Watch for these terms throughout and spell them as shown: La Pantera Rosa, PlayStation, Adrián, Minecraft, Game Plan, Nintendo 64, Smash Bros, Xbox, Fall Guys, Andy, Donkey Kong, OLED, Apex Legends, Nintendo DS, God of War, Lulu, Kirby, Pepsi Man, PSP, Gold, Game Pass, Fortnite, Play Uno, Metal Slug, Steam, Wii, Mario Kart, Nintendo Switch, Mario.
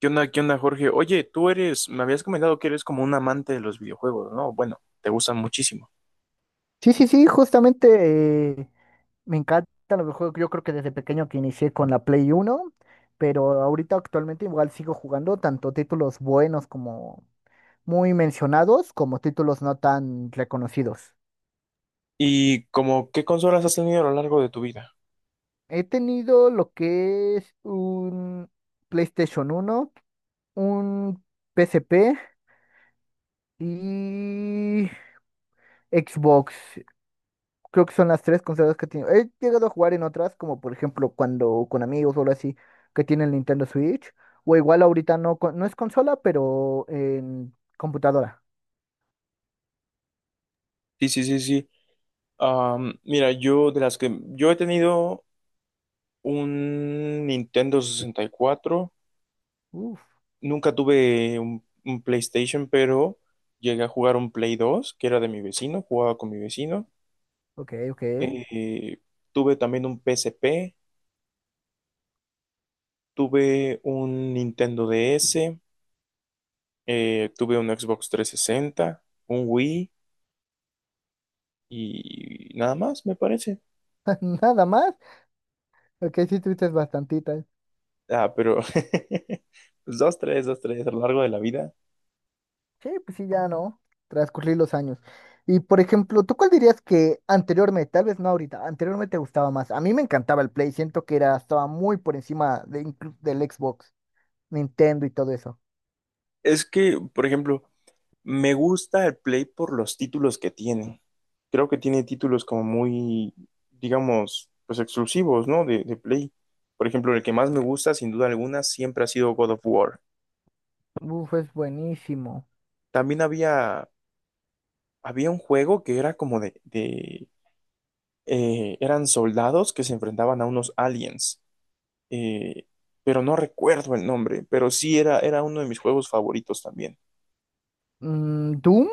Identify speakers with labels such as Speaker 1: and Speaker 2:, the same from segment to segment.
Speaker 1: Qué onda, Jorge? Oye, tú eres, me habías comentado que eres como un amante de los videojuegos, ¿no? Bueno, te gustan muchísimo.
Speaker 2: Sí, sí, sí, justamente me encantan los juegos. Yo creo que desde pequeño que inicié con la Play Uno, pero ahorita actualmente igual sigo jugando tanto títulos buenos como muy mencionados, como títulos no tan reconocidos.
Speaker 1: ¿Y como qué consolas has tenido a lo largo de tu vida?
Speaker 2: He tenido lo que es un PlayStation uno, un PSP y Xbox. Creo que son las tres consolas que he tenido. He llegado a jugar en otras, como por ejemplo cuando con amigos o algo así, que tienen Nintendo Switch. O igual ahorita no, no es consola, pero en computadora.
Speaker 1: Sí, sí, sí, sí. Mira, yo de las que yo he tenido un Nintendo 64,
Speaker 2: Uf,
Speaker 1: nunca tuve un PlayStation, pero llegué a jugar un Play 2, que era de mi vecino, jugaba con mi vecino.
Speaker 2: ok, ok.
Speaker 1: Eh, tuve también un PSP, tuve un Nintendo DS. Tuve un Xbox 360, un Wii y nada más, me parece.
Speaker 2: Nada más. Ok, sí tuviste bastantitas.
Speaker 1: Ah, pero pues dos, tres, dos, tres a lo largo de la vida.
Speaker 2: Sí, pues sí, ya no. Transcurrir los años. Y por ejemplo, ¿tú cuál dirías que anteriormente, tal vez no ahorita, anteriormente te gustaba más? A mí me encantaba el Play, siento que era, estaba muy por encima de del Xbox, Nintendo y todo eso.
Speaker 1: Es que, por ejemplo, me gusta el Play por los títulos que tiene. Creo que tiene títulos como muy, digamos, pues exclusivos, ¿no? De Play. Por ejemplo, el que más me gusta, sin duda alguna, siempre ha sido God of War.
Speaker 2: Uf, es buenísimo.
Speaker 1: También había, había un juego que era como de eran soldados que se enfrentaban a unos aliens. eh, pero no recuerdo el nombre, pero sí era uno de mis juegos favoritos también.
Speaker 2: Mm, ¿Doom?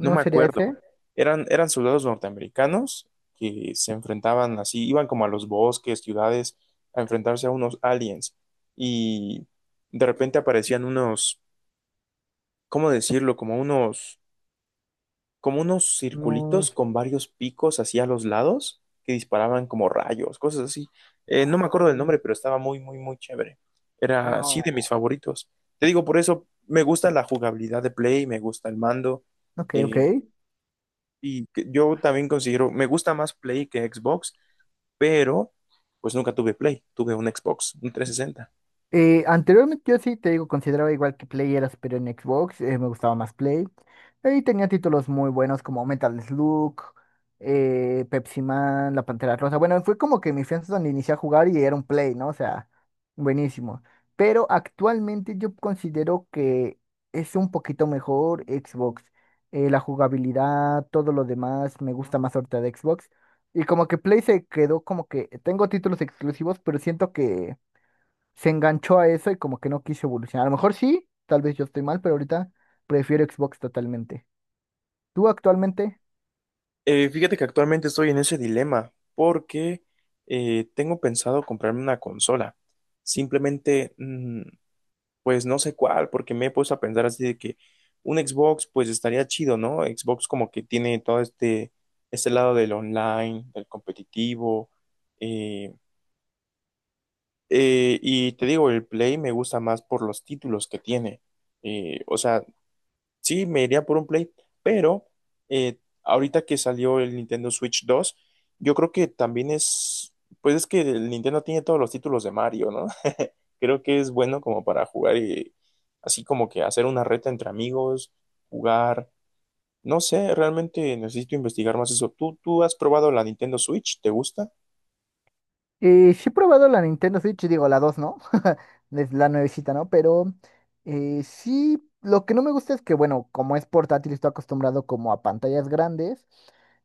Speaker 1: No me
Speaker 2: sería
Speaker 1: acuerdo.
Speaker 2: ese?
Speaker 1: Eran soldados norteamericanos que se enfrentaban así, iban como a los bosques, ciudades, a enfrentarse a unos aliens. Y de repente aparecían unos, ¿cómo decirlo? Como unos
Speaker 2: No.
Speaker 1: circulitos con varios picos así a los lados que disparaban como rayos, cosas así. No me
Speaker 2: Ah,
Speaker 1: acuerdo del nombre, pero estaba muy, muy, muy chévere. Era así
Speaker 2: no.
Speaker 1: de mis favoritos. Te digo, por eso me gusta la jugabilidad de Play, me gusta el mando.
Speaker 2: Ok, ok.
Speaker 1: eh, yo también considero, me gusta más Play que Xbox, pero pues nunca tuve Play, tuve un Xbox, un 360.
Speaker 2: Anteriormente yo sí, te digo, consideraba igual que Play era superior en Xbox, me gustaba más Play. Y tenía títulos muy buenos como Metal Slug, Pepsi Man, La Pantera Rosa. Bueno, fue como que mi fianza donde inicié a jugar y era un Play, ¿no? O sea, buenísimo. Pero actualmente yo considero que es un poquito mejor Xbox. La jugabilidad, todo lo demás, me gusta más ahorita de Xbox. Y como que Play se quedó como que tengo títulos exclusivos, pero siento que se enganchó a eso y como que no quiso evolucionar. A lo mejor sí, tal vez yo estoy mal, pero ahorita prefiero Xbox totalmente. ¿Tú actualmente?
Speaker 1: Fíjate que actualmente estoy en ese dilema porque tengo pensado comprarme una consola. Simplemente, pues no sé cuál, porque me he puesto a pensar así de que un Xbox pues estaría chido, ¿no? Xbox como que tiene todo este lado del online, del competitivo. eh, y te digo, el Play me gusta más por los títulos que tiene. O sea, sí, me iría por un Play, pero eh, ahorita que salió el Nintendo Switch 2, yo creo que también es, pues es que el Nintendo tiene todos los títulos de Mario, ¿no? Creo que es bueno como para jugar y así como que hacer una reta entre amigos, jugar. No sé, realmente necesito investigar más eso. ¿Tú has probado la Nintendo Switch? ¿Te gusta?
Speaker 2: Sí he probado la Nintendo Switch, digo, la 2, ¿no? Es la nuevecita, ¿no? Pero sí, lo que no me gusta es que, bueno, como es portátil, estoy acostumbrado como a pantallas grandes,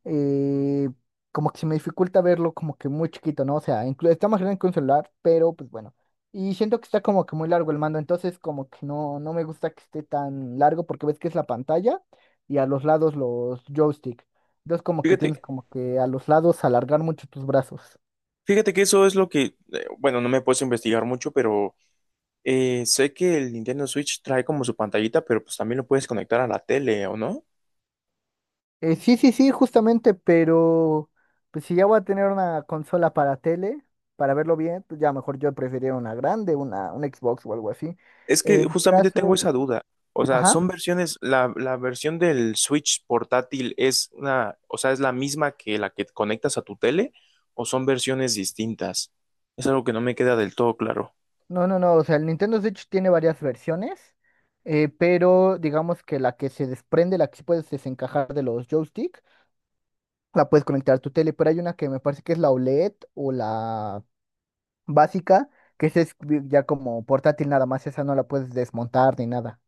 Speaker 2: eh, como que se me dificulta verlo como que muy chiquito, ¿no? O sea, está más grande que un celular, pero pues bueno. Y siento que está como que muy largo el mando, entonces como que no, no me gusta que esté tan largo porque ves que es la pantalla y a los lados los joysticks. Entonces como que tienes
Speaker 1: Fíjate,
Speaker 2: como que a los lados alargar mucho tus brazos.
Speaker 1: fíjate que eso es lo que, bueno, no me he puesto a investigar mucho, pero sé que el Nintendo Switch trae como su pantallita, pero pues también lo puedes conectar a la tele, ¿o no?
Speaker 2: Sí, sí, sí, justamente, pero pues si ya voy a tener una consola para tele, para verlo bien, pues ya mejor yo preferiría una grande, una, un Xbox o algo así.
Speaker 1: Es que
Speaker 2: En
Speaker 1: justamente tengo
Speaker 2: casos,
Speaker 1: esa duda. O sea,
Speaker 2: ajá,
Speaker 1: son versiones, la versión del Switch portátil es una, o sea, es la misma que la que conectas a tu tele o son versiones distintas. Es algo que no me queda del todo claro.
Speaker 2: no, no, no, o sea, el Nintendo Switch tiene varias versiones, pero digamos que la que se desprende, la que sí puedes desencajar de los joystick, la puedes conectar a tu tele, pero hay una que me parece que es la OLED o la básica, que esa es ya como portátil nada más, esa no la puedes desmontar ni nada.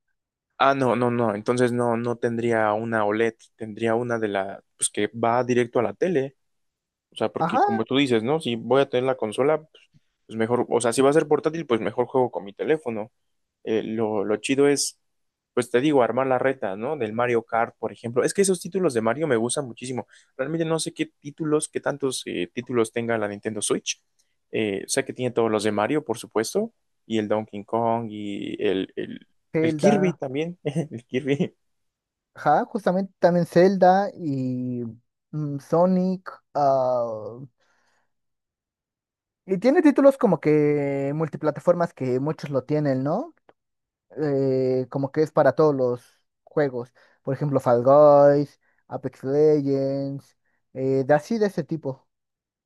Speaker 1: Ah, no, no, no. Entonces no, no tendría una OLED, tendría una de la, pues que va directo a la tele. O sea, porque
Speaker 2: Ajá,
Speaker 1: como tú dices, ¿no? Si voy a tener la consola, pues mejor, o sea, si va a ser portátil, pues mejor juego con mi teléfono. Lo chido es, pues te digo, armar la reta, ¿no? Del Mario Kart, por ejemplo. Es que esos títulos de Mario me gustan muchísimo. Realmente no sé qué títulos, qué tantos títulos tenga la Nintendo Switch. Sé que tiene todos los de Mario, por supuesto, y el Donkey Kong y el Kirby
Speaker 2: Zelda.
Speaker 1: también. El Kirby.
Speaker 2: Ajá, justamente también Zelda y mm, Sonic. Ah, y tiene títulos como que multiplataformas que muchos lo tienen, ¿no? Como que es para todos los juegos. Por ejemplo, Fall Guys, Apex Legends, de así de ese tipo.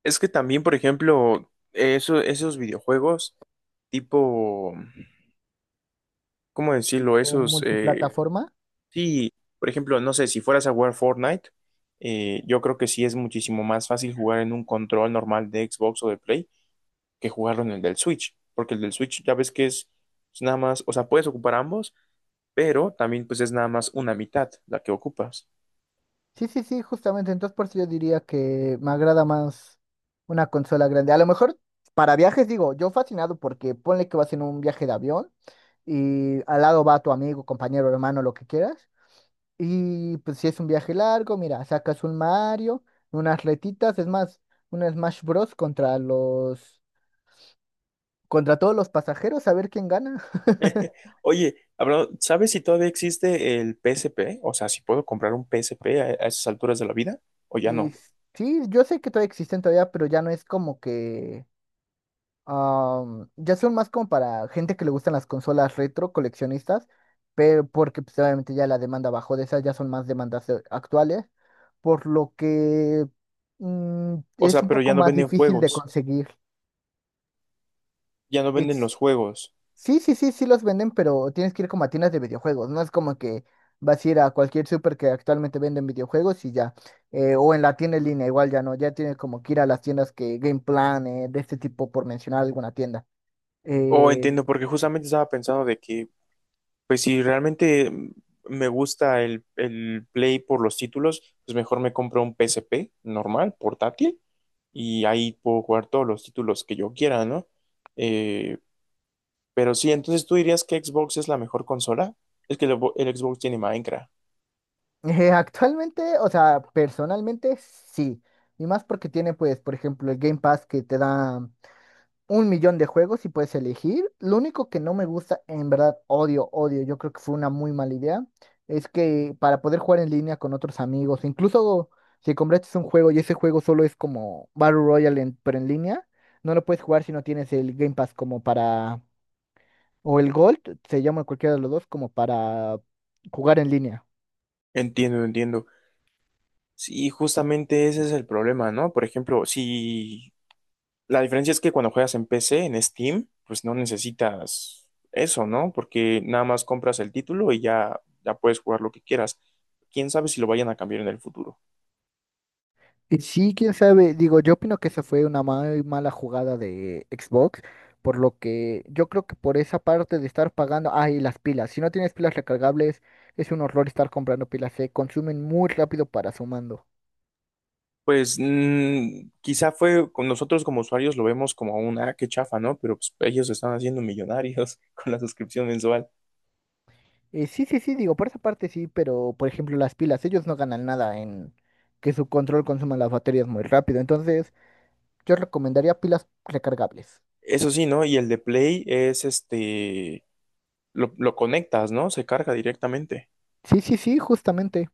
Speaker 1: Es que también, por ejemplo, eso, esos videojuegos tipo ¿cómo decirlo?
Speaker 2: O
Speaker 1: Esos,
Speaker 2: Multiplataforma.
Speaker 1: sí, por ejemplo, no sé, si fueras a jugar Fortnite, yo creo que sí es muchísimo más fácil jugar en un control normal de Xbox o de Play que jugarlo en el del Switch, porque el del Switch ya ves que es nada más, o sea, puedes ocupar ambos, pero también pues es nada más una mitad la que ocupas.
Speaker 2: Sí, sí, sí, justamente. Entonces, por eso yo diría que me agrada más una consola grande. A lo mejor para viajes, digo, yo fascinado porque ponle que vas en un viaje de avión y al lado va tu amigo, compañero, hermano, lo que quieras. Y pues si es un viaje largo, mira, sacas un Mario, unas retitas, es más, un Smash Bros. Contra los, contra todos los pasajeros, a ver quién gana.
Speaker 1: Oye, ¿sabes si todavía existe el PSP? O sea, si puedo comprar un PSP a esas alturas de la vida, o ya
Speaker 2: Y
Speaker 1: no.
Speaker 2: sí, yo sé que todavía existen todavía, pero ya no es como que... Am, ya son más como para gente que le gustan las consolas retro, coleccionistas, pero porque pues, obviamente ya la demanda bajó de esas, ya son más demandas actuales, por lo que mm,
Speaker 1: O
Speaker 2: es
Speaker 1: sea,
Speaker 2: un
Speaker 1: pero
Speaker 2: poco
Speaker 1: ya no
Speaker 2: más
Speaker 1: venden
Speaker 2: difícil de
Speaker 1: juegos,
Speaker 2: conseguir.
Speaker 1: ya no venden
Speaker 2: Es-
Speaker 1: los juegos.
Speaker 2: sí, sí, sí, sí los venden, pero tienes que ir como a tiendas de videojuegos, no es como que vas a ir a cualquier super que actualmente venden videojuegos y ya, o en la tienda en línea, igual ya no, ya tienes como que ir a las tiendas que Game Plan, de este tipo, por mencionar alguna tienda.
Speaker 1: Oh,
Speaker 2: Eh,
Speaker 1: entiendo, porque justamente estaba pensando de que, pues si realmente me gusta el Play por los títulos, pues mejor me compro un PSP normal, portátil, y ahí puedo jugar todos los títulos que yo quiera, ¿no? Eh, pero sí, entonces tú dirías que Xbox es la mejor consola. Es que el Xbox tiene Minecraft.
Speaker 2: Actualmente, o sea, personalmente sí. Y más porque tiene, pues, por ejemplo, el Game Pass que te da un millón de juegos y puedes elegir. Lo único que no me gusta, en verdad, odio, odio, yo creo que fue una muy mala idea, es que para poder jugar en línea con otros amigos, incluso si compraste un juego y ese juego solo es como Battle Royale, pero en línea, no lo puedes jugar si no tienes el Game Pass como para, o el Gold, se llama cualquiera de los dos, como para jugar en línea.
Speaker 1: Entiendo, entiendo. Sí, justamente ese es el problema, ¿no? Por ejemplo, si La diferencia es que cuando juegas en PC, en Steam, pues no necesitas eso, ¿no? Porque nada más compras el título y ya, ya puedes jugar lo que quieras. ¿Quién sabe si lo vayan a cambiar en el futuro?
Speaker 2: Sí, quién sabe. Digo, yo opino que esa fue una muy mala jugada de Xbox, por lo que yo creo que por esa parte de estar pagando, ah, y las pilas. Si no tienes pilas recargables, es un horror estar comprando pilas, se consumen muy rápido para su mando.
Speaker 1: Pues mm, quizá fue, con nosotros como usuarios lo vemos como una, ah, qué chafa, ¿no? Pero pues, ellos se están haciendo millonarios con la suscripción mensual.
Speaker 2: Sí, sí, sí, digo, por esa parte sí, pero por ejemplo las pilas, ellos no ganan nada en que su control consuma las baterías muy rápido. Entonces, yo recomendaría pilas recargables.
Speaker 1: Eso sí, ¿no? Y el de Play es este, lo conectas, ¿no? Se carga directamente.
Speaker 2: Sí, sí, sí, justamente.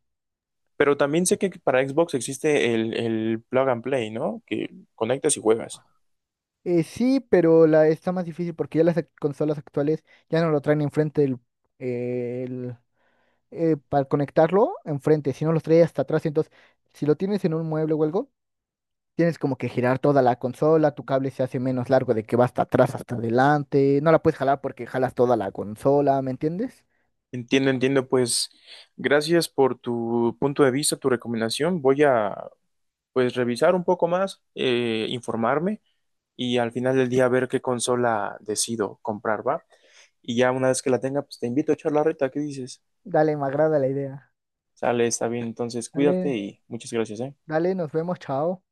Speaker 1: Pero también sé que para Xbox existe el plug and play, ¿no? Que conectas y juegas.
Speaker 2: Sí, pero la está más difícil porque ya las consolas actuales ya no lo traen enfrente del, eh, el, para conectarlo enfrente, sino los trae hasta atrás. Entonces, si lo tienes en un mueble o algo, tienes como que girar toda la consola, tu cable se hace menos largo de que va hasta atrás, hasta adelante. No la puedes jalar porque jalas toda la consola, ¿me entiendes?
Speaker 1: Entiendo, entiendo. Pues gracias por tu punto de vista, tu recomendación. Voy a pues revisar un poco más, informarme y al final del día ver qué consola decido comprar, ¿va? Y ya una vez que la tenga, pues te invito a echar la reta. ¿Qué dices?
Speaker 2: Dale, me agrada la idea.
Speaker 1: Sale, está bien. Entonces cuídate
Speaker 2: Dale,
Speaker 1: y muchas gracias, ¿eh?
Speaker 2: dale, nos vemos, chao.